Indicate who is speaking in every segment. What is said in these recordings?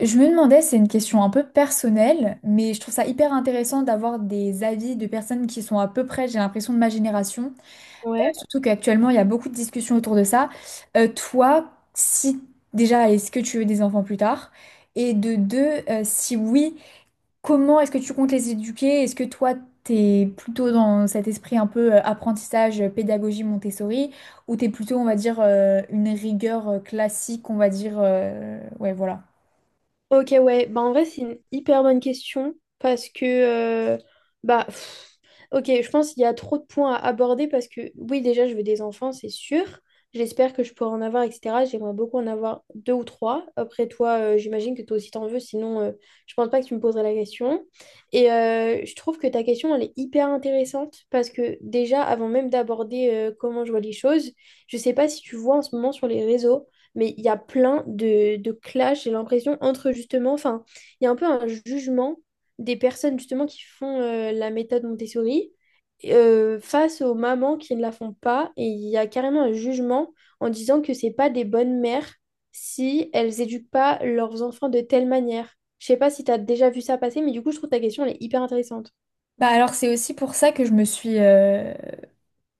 Speaker 1: Je me demandais, c'est une question un peu personnelle, mais je trouve ça hyper intéressant d'avoir des avis de personnes qui sont à peu près, j'ai l'impression, de ma génération.
Speaker 2: Ouais.
Speaker 1: Surtout qu'actuellement, il y a beaucoup de discussions autour de ça. Toi, si déjà, est-ce que tu veux des enfants plus tard? Et de deux, si oui, comment est-ce que tu comptes les éduquer? Est-ce que toi, t'es plutôt dans cet esprit un peu apprentissage, pédagogie Montessori, ou t'es plutôt, on va dire, une rigueur classique, on va dire, ouais, voilà.
Speaker 2: Ok, ouais. Bah, en vrai, c'est une hyper bonne question parce que euh, bah, ok, je pense qu'il y a trop de points à aborder parce que oui, déjà, je veux des enfants, c'est sûr. J'espère que je pourrai en avoir, etc. J'aimerais beaucoup en avoir deux ou trois. Après, toi, j'imagine que toi aussi t'en veux, sinon, je pense pas que tu me poserais la question. Et je trouve que ta question, elle est hyper intéressante parce que déjà, avant même d'aborder comment je vois les choses, je sais pas si tu vois en ce moment sur les réseaux, mais il y a plein de clashs, j'ai l'impression, entre justement, enfin, il y a un peu un jugement des personnes justement qui font la méthode Montessori face aux mamans qui ne la font pas. Et il y a carrément un jugement en disant que c'est pas des bonnes mères si elles éduquent pas leurs enfants de telle manière. Je sais pas si tu as déjà vu ça passer, mais du coup, je trouve ta question, elle est hyper intéressante.
Speaker 1: Bah alors c'est aussi pour ça que je me suis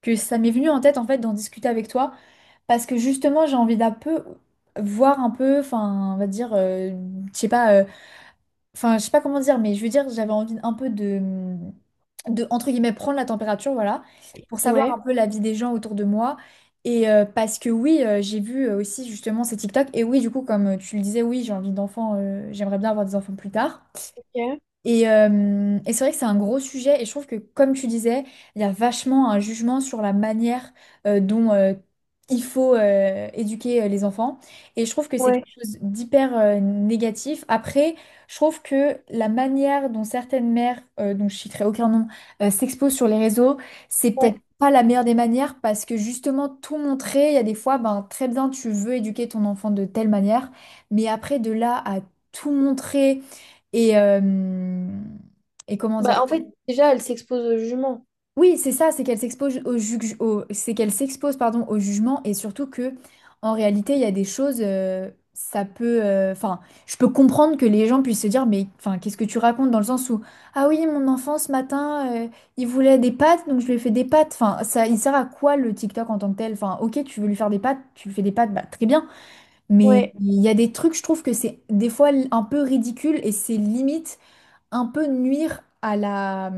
Speaker 1: que ça m'est venu en tête en fait d'en discuter avec toi parce que justement j'ai envie d'un peu voir un peu enfin on va dire je sais pas enfin je sais pas comment dire mais je veux dire j'avais envie un peu de entre guillemets prendre la température voilà pour savoir
Speaker 2: Ouais.
Speaker 1: un peu la vie des gens autour de moi et parce que oui j'ai vu aussi justement ces TikTok et oui du coup comme tu le disais oui j'ai envie d'enfants j'aimerais bien avoir des enfants plus tard
Speaker 2: Ok.
Speaker 1: et c'est vrai que c'est un gros sujet et je trouve que comme tu disais, il y a vachement un jugement sur la manière dont il faut éduquer les enfants et je trouve que c'est
Speaker 2: Ouais,
Speaker 1: quelque chose d'hyper négatif. Après, je trouve que la manière dont certaines mères, dont je citerai aucun nom, s'exposent sur les réseaux, c'est peut-être
Speaker 2: ouais.
Speaker 1: pas la meilleure des manières parce que justement tout montrer, il y a des fois, ben très bien, tu veux éduquer ton enfant de telle manière, mais après de là à tout montrer et, euh, et comment dire?
Speaker 2: Bah, en fait, déjà, elle s'expose aux juments.
Speaker 1: Oui, c'est ça, c'est qu'elle s'expose au c'est qu'elle s'expose, pardon, au jugement et surtout que, en réalité, il y a des choses, ça peut, enfin, je peux comprendre que les gens puissent se dire, mais, enfin, qu'est-ce que tu racontes dans le sens où, ah oui, mon enfant ce matin, il voulait des pâtes, donc je lui ai fait des pâtes. Enfin, ça, il sert à quoi le TikTok en tant que tel? Enfin, ok, tu veux lui faire des pâtes, tu lui fais des pâtes, bah très bien. Mais
Speaker 2: Ouais.
Speaker 1: il y a des trucs, je trouve que c'est des fois un peu ridicule et c'est limite un peu nuire à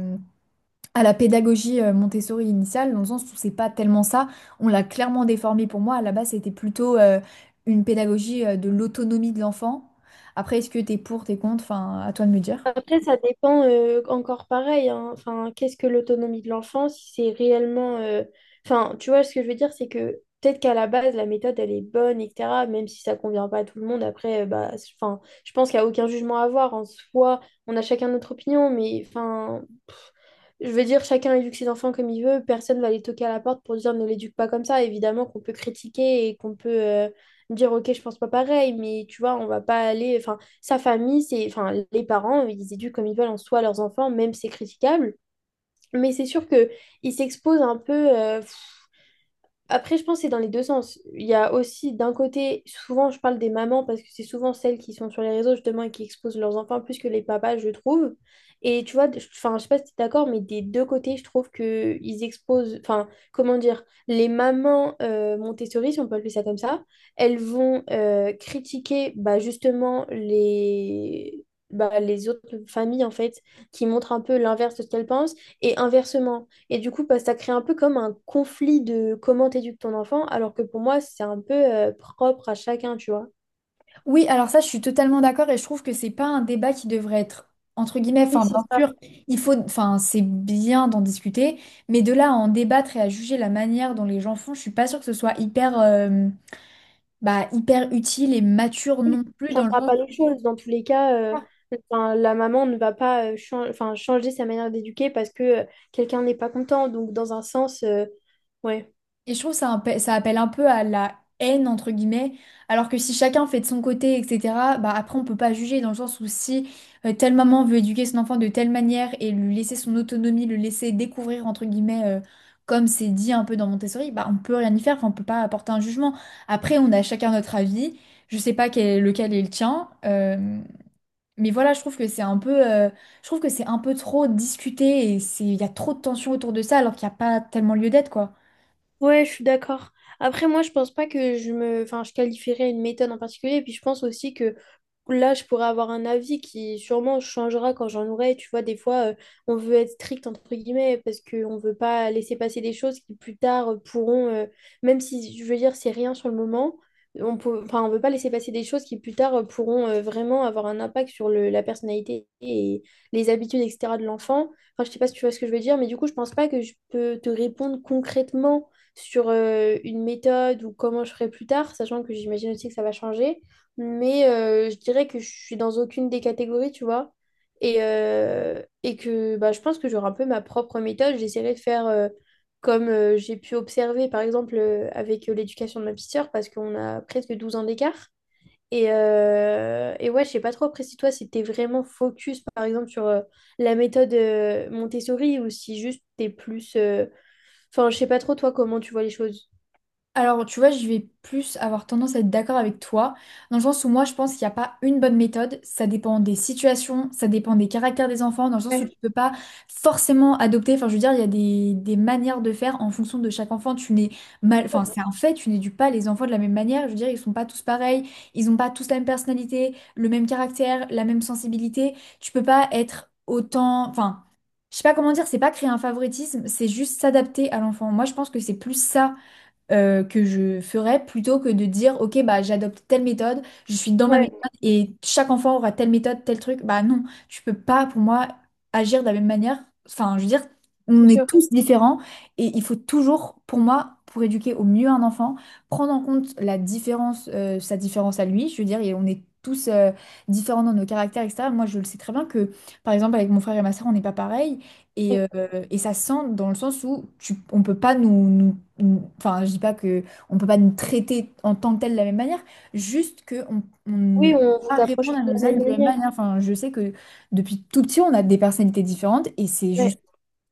Speaker 1: à la pédagogie Montessori initiale, dans le sens où c'est pas tellement ça. On l'a clairement déformé pour moi. À la base, c'était plutôt une pédagogie de l'autonomie de l'enfant. Après, est-ce que t'es contre? Enfin, à toi de me dire.
Speaker 2: Après, ça dépend encore pareil, hein. Enfin, qu'est-ce que l'autonomie de l'enfant, si c'est réellement, enfin, tu vois, ce que je veux dire, c'est que peut-être qu'à la base, la méthode, elle est bonne, etc. Même si ça convient pas à tout le monde, après, bah, enfin, je pense qu'il n'y a aucun jugement à avoir. En soi, on a chacun notre opinion, mais enfin, pff, je veux dire, chacun éduque ses enfants comme il veut. Personne va les toquer à la porte pour dire ne l'éduque pas comme ça. Évidemment qu'on peut critiquer et qu'on peut dire, ok, je pense pas pareil, mais tu vois, on va pas aller, enfin, sa famille, c'est, enfin, les parents, ils éduquent comme ils veulent en soi leurs enfants, même c'est critiquable. Mais c'est sûr que il s'expose un peu, après, je pense que c'est dans les deux sens. Il y a aussi, d'un côté, souvent je parle des mamans parce que c'est souvent celles qui sont sur les réseaux justement et qui exposent leurs enfants plus que les papas, je trouve. Et tu vois, enfin, je sais pas si tu es d'accord, mais des deux côtés, je trouve que ils exposent, enfin, comment dire, les mamans Montessori, si on peut appeler ça comme ça, elles vont critiquer bah, justement les, bah, les autres familles en fait qui montrent un peu l'inverse de ce qu'elles pensent et inversement. Et du coup, bah, ça crée un peu comme un conflit de comment t'éduques ton enfant, alors que pour moi, c'est un peu propre à chacun, tu vois.
Speaker 1: Oui, alors ça, je suis totalement d'accord et je trouve que c'est pas un débat qui devrait être entre guillemets.
Speaker 2: Et
Speaker 1: Enfin,
Speaker 2: c'est
Speaker 1: bien
Speaker 2: ça
Speaker 1: sûr, il faut, enfin, c'est bien d'en discuter, mais de là à en débattre et à juger la manière dont les gens font, je suis pas sûre que ce soit hyper, bah, hyper utile et mature non plus
Speaker 2: ne
Speaker 1: dans le
Speaker 2: changera
Speaker 1: sens.
Speaker 2: pas les choses. Dans tous les cas, enfin, la maman ne va pas, enfin, changer sa manière d'éduquer parce que quelqu'un n'est pas content. Donc, dans un sens, ouais.
Speaker 1: Et je trouve que ça, ça appelle un peu à la haine, entre guillemets, alors que si chacun fait de son côté, etc., bah après on peut pas juger dans le sens où si telle maman veut éduquer son enfant de telle manière et lui laisser son autonomie, le laisser découvrir, entre guillemets, comme c'est dit un peu dans Montessori, bah on peut rien y faire, enfin on peut pas apporter un jugement. Après on a chacun notre avis, je sais pas lequel est le tien, mais voilà, je trouve que c'est un peu, je trouve que c'est un peu trop discuté et il y a trop de tensions autour de ça alors qu'il n'y a pas tellement lieu d'être, quoi.
Speaker 2: Ouais, je suis d'accord. Après, moi, je pense pas que enfin, je qualifierais une méthode en particulier. Et puis, je pense aussi que là, je pourrais avoir un avis qui sûrement changera quand j'en aurai. Tu vois, des fois, on veut être strict, entre guillemets, parce qu'on ne veut pas laisser passer des choses qui plus tard pourront, même si, je veux dire, c'est rien sur le moment, on peut, enfin, on veut pas laisser passer des choses qui plus tard pourront vraiment avoir un impact sur la personnalité et les habitudes, etc. de l'enfant. Enfin, je sais pas si tu vois ce que je veux dire, mais du coup, je pense pas que je peux te répondre concrètement sur une méthode ou comment je ferai plus tard, sachant que j'imagine aussi que ça va changer, mais je dirais que je suis dans aucune des catégories, tu vois. Et, et que bah, je pense que j'aurai un peu ma propre méthode. J'essaierai de faire comme j'ai pu observer, par exemple, avec l'éducation de ma petite sœur, parce qu'on a presque 12 ans d'écart. Et, et ouais, je sais pas trop après si toi, si t'es vraiment focus, par exemple, sur la méthode Montessori, ou si juste t'es plus, enfin, je sais pas trop toi comment tu vois les choses.
Speaker 1: Alors, tu vois, je vais plus avoir tendance à être d'accord avec toi, dans le sens où moi, je pense qu'il n'y a pas une bonne méthode. Ça dépend des situations, ça dépend des caractères des enfants, dans le sens où
Speaker 2: Ouais,
Speaker 1: tu peux pas forcément adopter. Enfin, je veux dire, il y a des manières de faire en fonction de chaque enfant. Tu n'es mal, enfin, c'est un fait, tu n'éduques pas les enfants de la même manière. Je veux dire, ils sont pas tous pareils, ils n'ont pas tous la même personnalité, le même caractère, la même sensibilité. Tu peux pas être autant, enfin. Je sais pas comment dire, c'est pas créer un favoritisme, c'est juste s'adapter à l'enfant. Moi, je pense que c'est plus ça que je ferais plutôt que de dire, OK, bah, j'adopte telle méthode, je suis dans ma
Speaker 2: ouais,
Speaker 1: méthode et chaque enfant aura telle méthode, tel truc. Bah non, tu peux pas, pour moi, agir de la même manière. Enfin, je veux dire,
Speaker 2: c'est
Speaker 1: on est
Speaker 2: sûr.
Speaker 1: tous différents et il faut toujours, pour moi, pour éduquer au mieux un enfant, prendre en compte la différence, sa différence à lui. Je veux dire, et on est tous différents dans nos caractères, etc. Moi, je le sais très bien que, par exemple, avec mon frère et ma soeur, on n'est pas pareil. Et,
Speaker 2: Ouais.
Speaker 1: euh, et ça se sent dans le sens où on peut pas enfin, je dis pas que on peut pas nous traiter en tant que tel de la même manière, juste que on ne
Speaker 2: Oui,
Speaker 1: peut
Speaker 2: on vous
Speaker 1: pas
Speaker 2: approche de
Speaker 1: répondre à
Speaker 2: la
Speaker 1: nos actes
Speaker 2: même
Speaker 1: de la même
Speaker 2: manière.
Speaker 1: manière. Enfin, je sais que depuis tout petit, on a des personnalités différentes et c'est
Speaker 2: Ouais,
Speaker 1: juste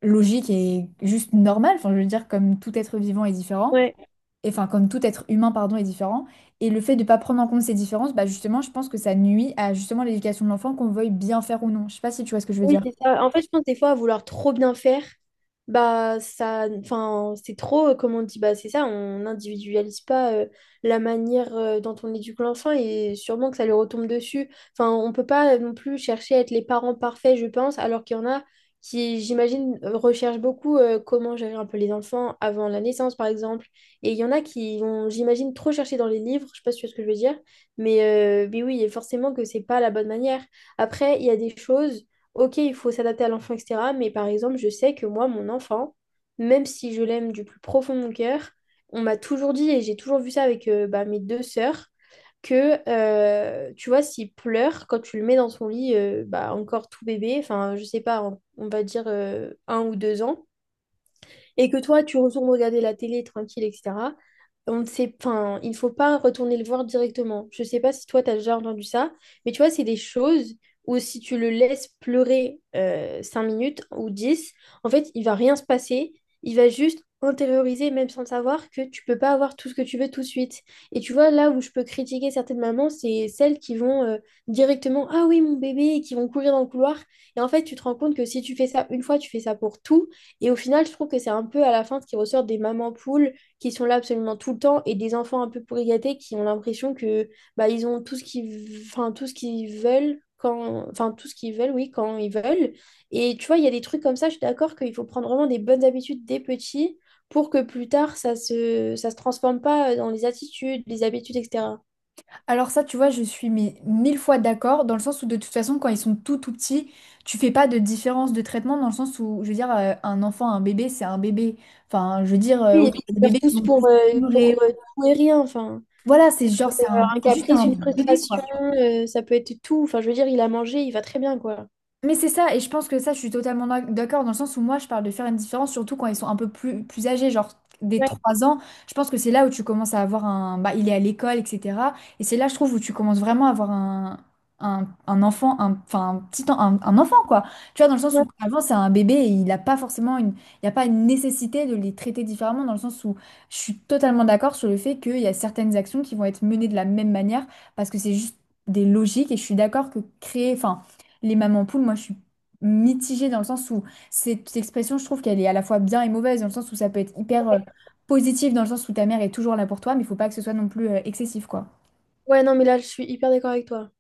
Speaker 1: logique et juste normal. Enfin, je veux dire, comme tout être vivant est différent,
Speaker 2: ouais.
Speaker 1: et enfin, comme tout être humain, pardon, est différent. Et le fait de pas prendre en compte ces différences, bah justement, je pense que ça nuit à justement l'éducation de l'enfant, qu'on veuille bien faire ou non. Je sais pas si tu vois ce que je veux
Speaker 2: Oui,
Speaker 1: dire.
Speaker 2: c'est ça. En fait, je pense des fois à vouloir trop bien faire, bah ça, enfin, c'est trop, comme on dit, bah c'est ça, on n'individualise pas la manière dont on éduque l'enfant et sûrement que ça lui retombe dessus. Enfin, on peut pas non plus chercher à être les parents parfaits, je pense, alors qu'il y en a qui, j'imagine, recherchent beaucoup comment gérer un peu les enfants avant la naissance, par exemple. Et il y en a qui vont, j'imagine, trop chercher dans les livres, je sais pas si tu vois ce que je veux dire, mais, mais oui, et forcément que c'est pas la bonne manière. Après, il y a des choses, ok, il faut s'adapter à l'enfant, etc. Mais par exemple, je sais que moi, mon enfant, même si je l'aime du plus profond de mon cœur, on m'a toujours dit, et j'ai toujours vu ça avec, bah, mes deux sœurs, que tu vois, s'il pleure, quand tu le mets dans son lit, bah, encore tout bébé, enfin, je sais pas, on va dire 1 ou 2 ans, et que toi, tu retournes regarder la télé tranquille, etc., on ne sait, enfin, il ne faut pas retourner le voir directement. Je ne sais pas si toi, tu as déjà entendu ça, mais tu vois, c'est des choses où si tu le laisses pleurer 5 minutes ou 10, en fait, il va rien se passer. Il va juste intérioriser, même sans le savoir, que tu peux pas avoir tout ce que tu veux tout de suite. Et tu vois, là où je peux critiquer certaines mamans, c'est celles qui vont, directement, ah oui, mon bébé, et qui vont courir dans le couloir. Et en fait, tu te rends compte que si tu fais ça une fois, tu fais ça pour tout. Et au final, je trouve que c'est un peu à la fin ce qui ressort des mamans poules qui sont là absolument tout le temps et des enfants un peu pourri gâtés qui ont l'impression que bah, ils ont tout ce qu'ils, enfin, tout ce qu'ils veulent quand, enfin, tout ce qu'ils veulent, oui, quand ils veulent. Et tu vois, il y a des trucs comme ça, je suis d'accord qu'il faut prendre vraiment des bonnes habitudes dès petits pour que plus tard ça se transforme pas dans les attitudes, les habitudes, etc.
Speaker 1: Alors ça, tu vois, je suis mais mille fois d'accord, dans le sens où de toute façon, quand ils sont tout tout petits, tu fais pas de différence de traitement, dans le sens où, je veux dire, un enfant, un bébé, c'est un bébé. Enfin, je veux dire,
Speaker 2: Oui, et
Speaker 1: ok,
Speaker 2: puis
Speaker 1: il y a des
Speaker 2: faire
Speaker 1: bébés qui
Speaker 2: tous
Speaker 1: vont
Speaker 2: pour,
Speaker 1: plus...
Speaker 2: tout et rien, enfin.
Speaker 1: Voilà, c'est genre,
Speaker 2: Ça peut avoir un
Speaker 1: c'est juste
Speaker 2: caprice,
Speaker 1: un
Speaker 2: une
Speaker 1: bébé,
Speaker 2: frustration,
Speaker 1: quoi.
Speaker 2: ça peut être tout. Enfin, je veux dire, il a mangé, il va très bien, quoi.
Speaker 1: Mais c'est ça, et je pense que ça, je suis totalement d'accord dans le sens où moi, je parle de faire une différence, surtout quand ils sont un peu plus âgés, genre des
Speaker 2: Ouais,
Speaker 1: 3 ans. Je pense que c'est là où tu commences à avoir un... Bah, il est à l'école, etc. Et c'est là, je trouve, où tu commences vraiment à avoir un enfant, enfin, un petit en- un enfant, quoi. Tu vois, dans le sens
Speaker 2: ouais,
Speaker 1: où avant, c'est un bébé et il n'a pas forcément une... Il n'y a pas une nécessité de les traiter différemment, dans le sens où je suis totalement d'accord sur le fait qu'il y a certaines actions qui vont être menées de la même manière, parce que c'est juste des logiques, et je suis d'accord que créer... Enfin, les mamans poules, moi, je suis mitigée dans le sens où cette expression, je trouve qu'elle est à la fois bien et mauvaise, dans le sens où ça peut être hyper positif, dans le sens où ta mère est toujours là pour toi, mais il faut pas que ce soit non plus excessif, quoi.
Speaker 2: ouais, non, mais là, je suis hyper d'accord avec toi.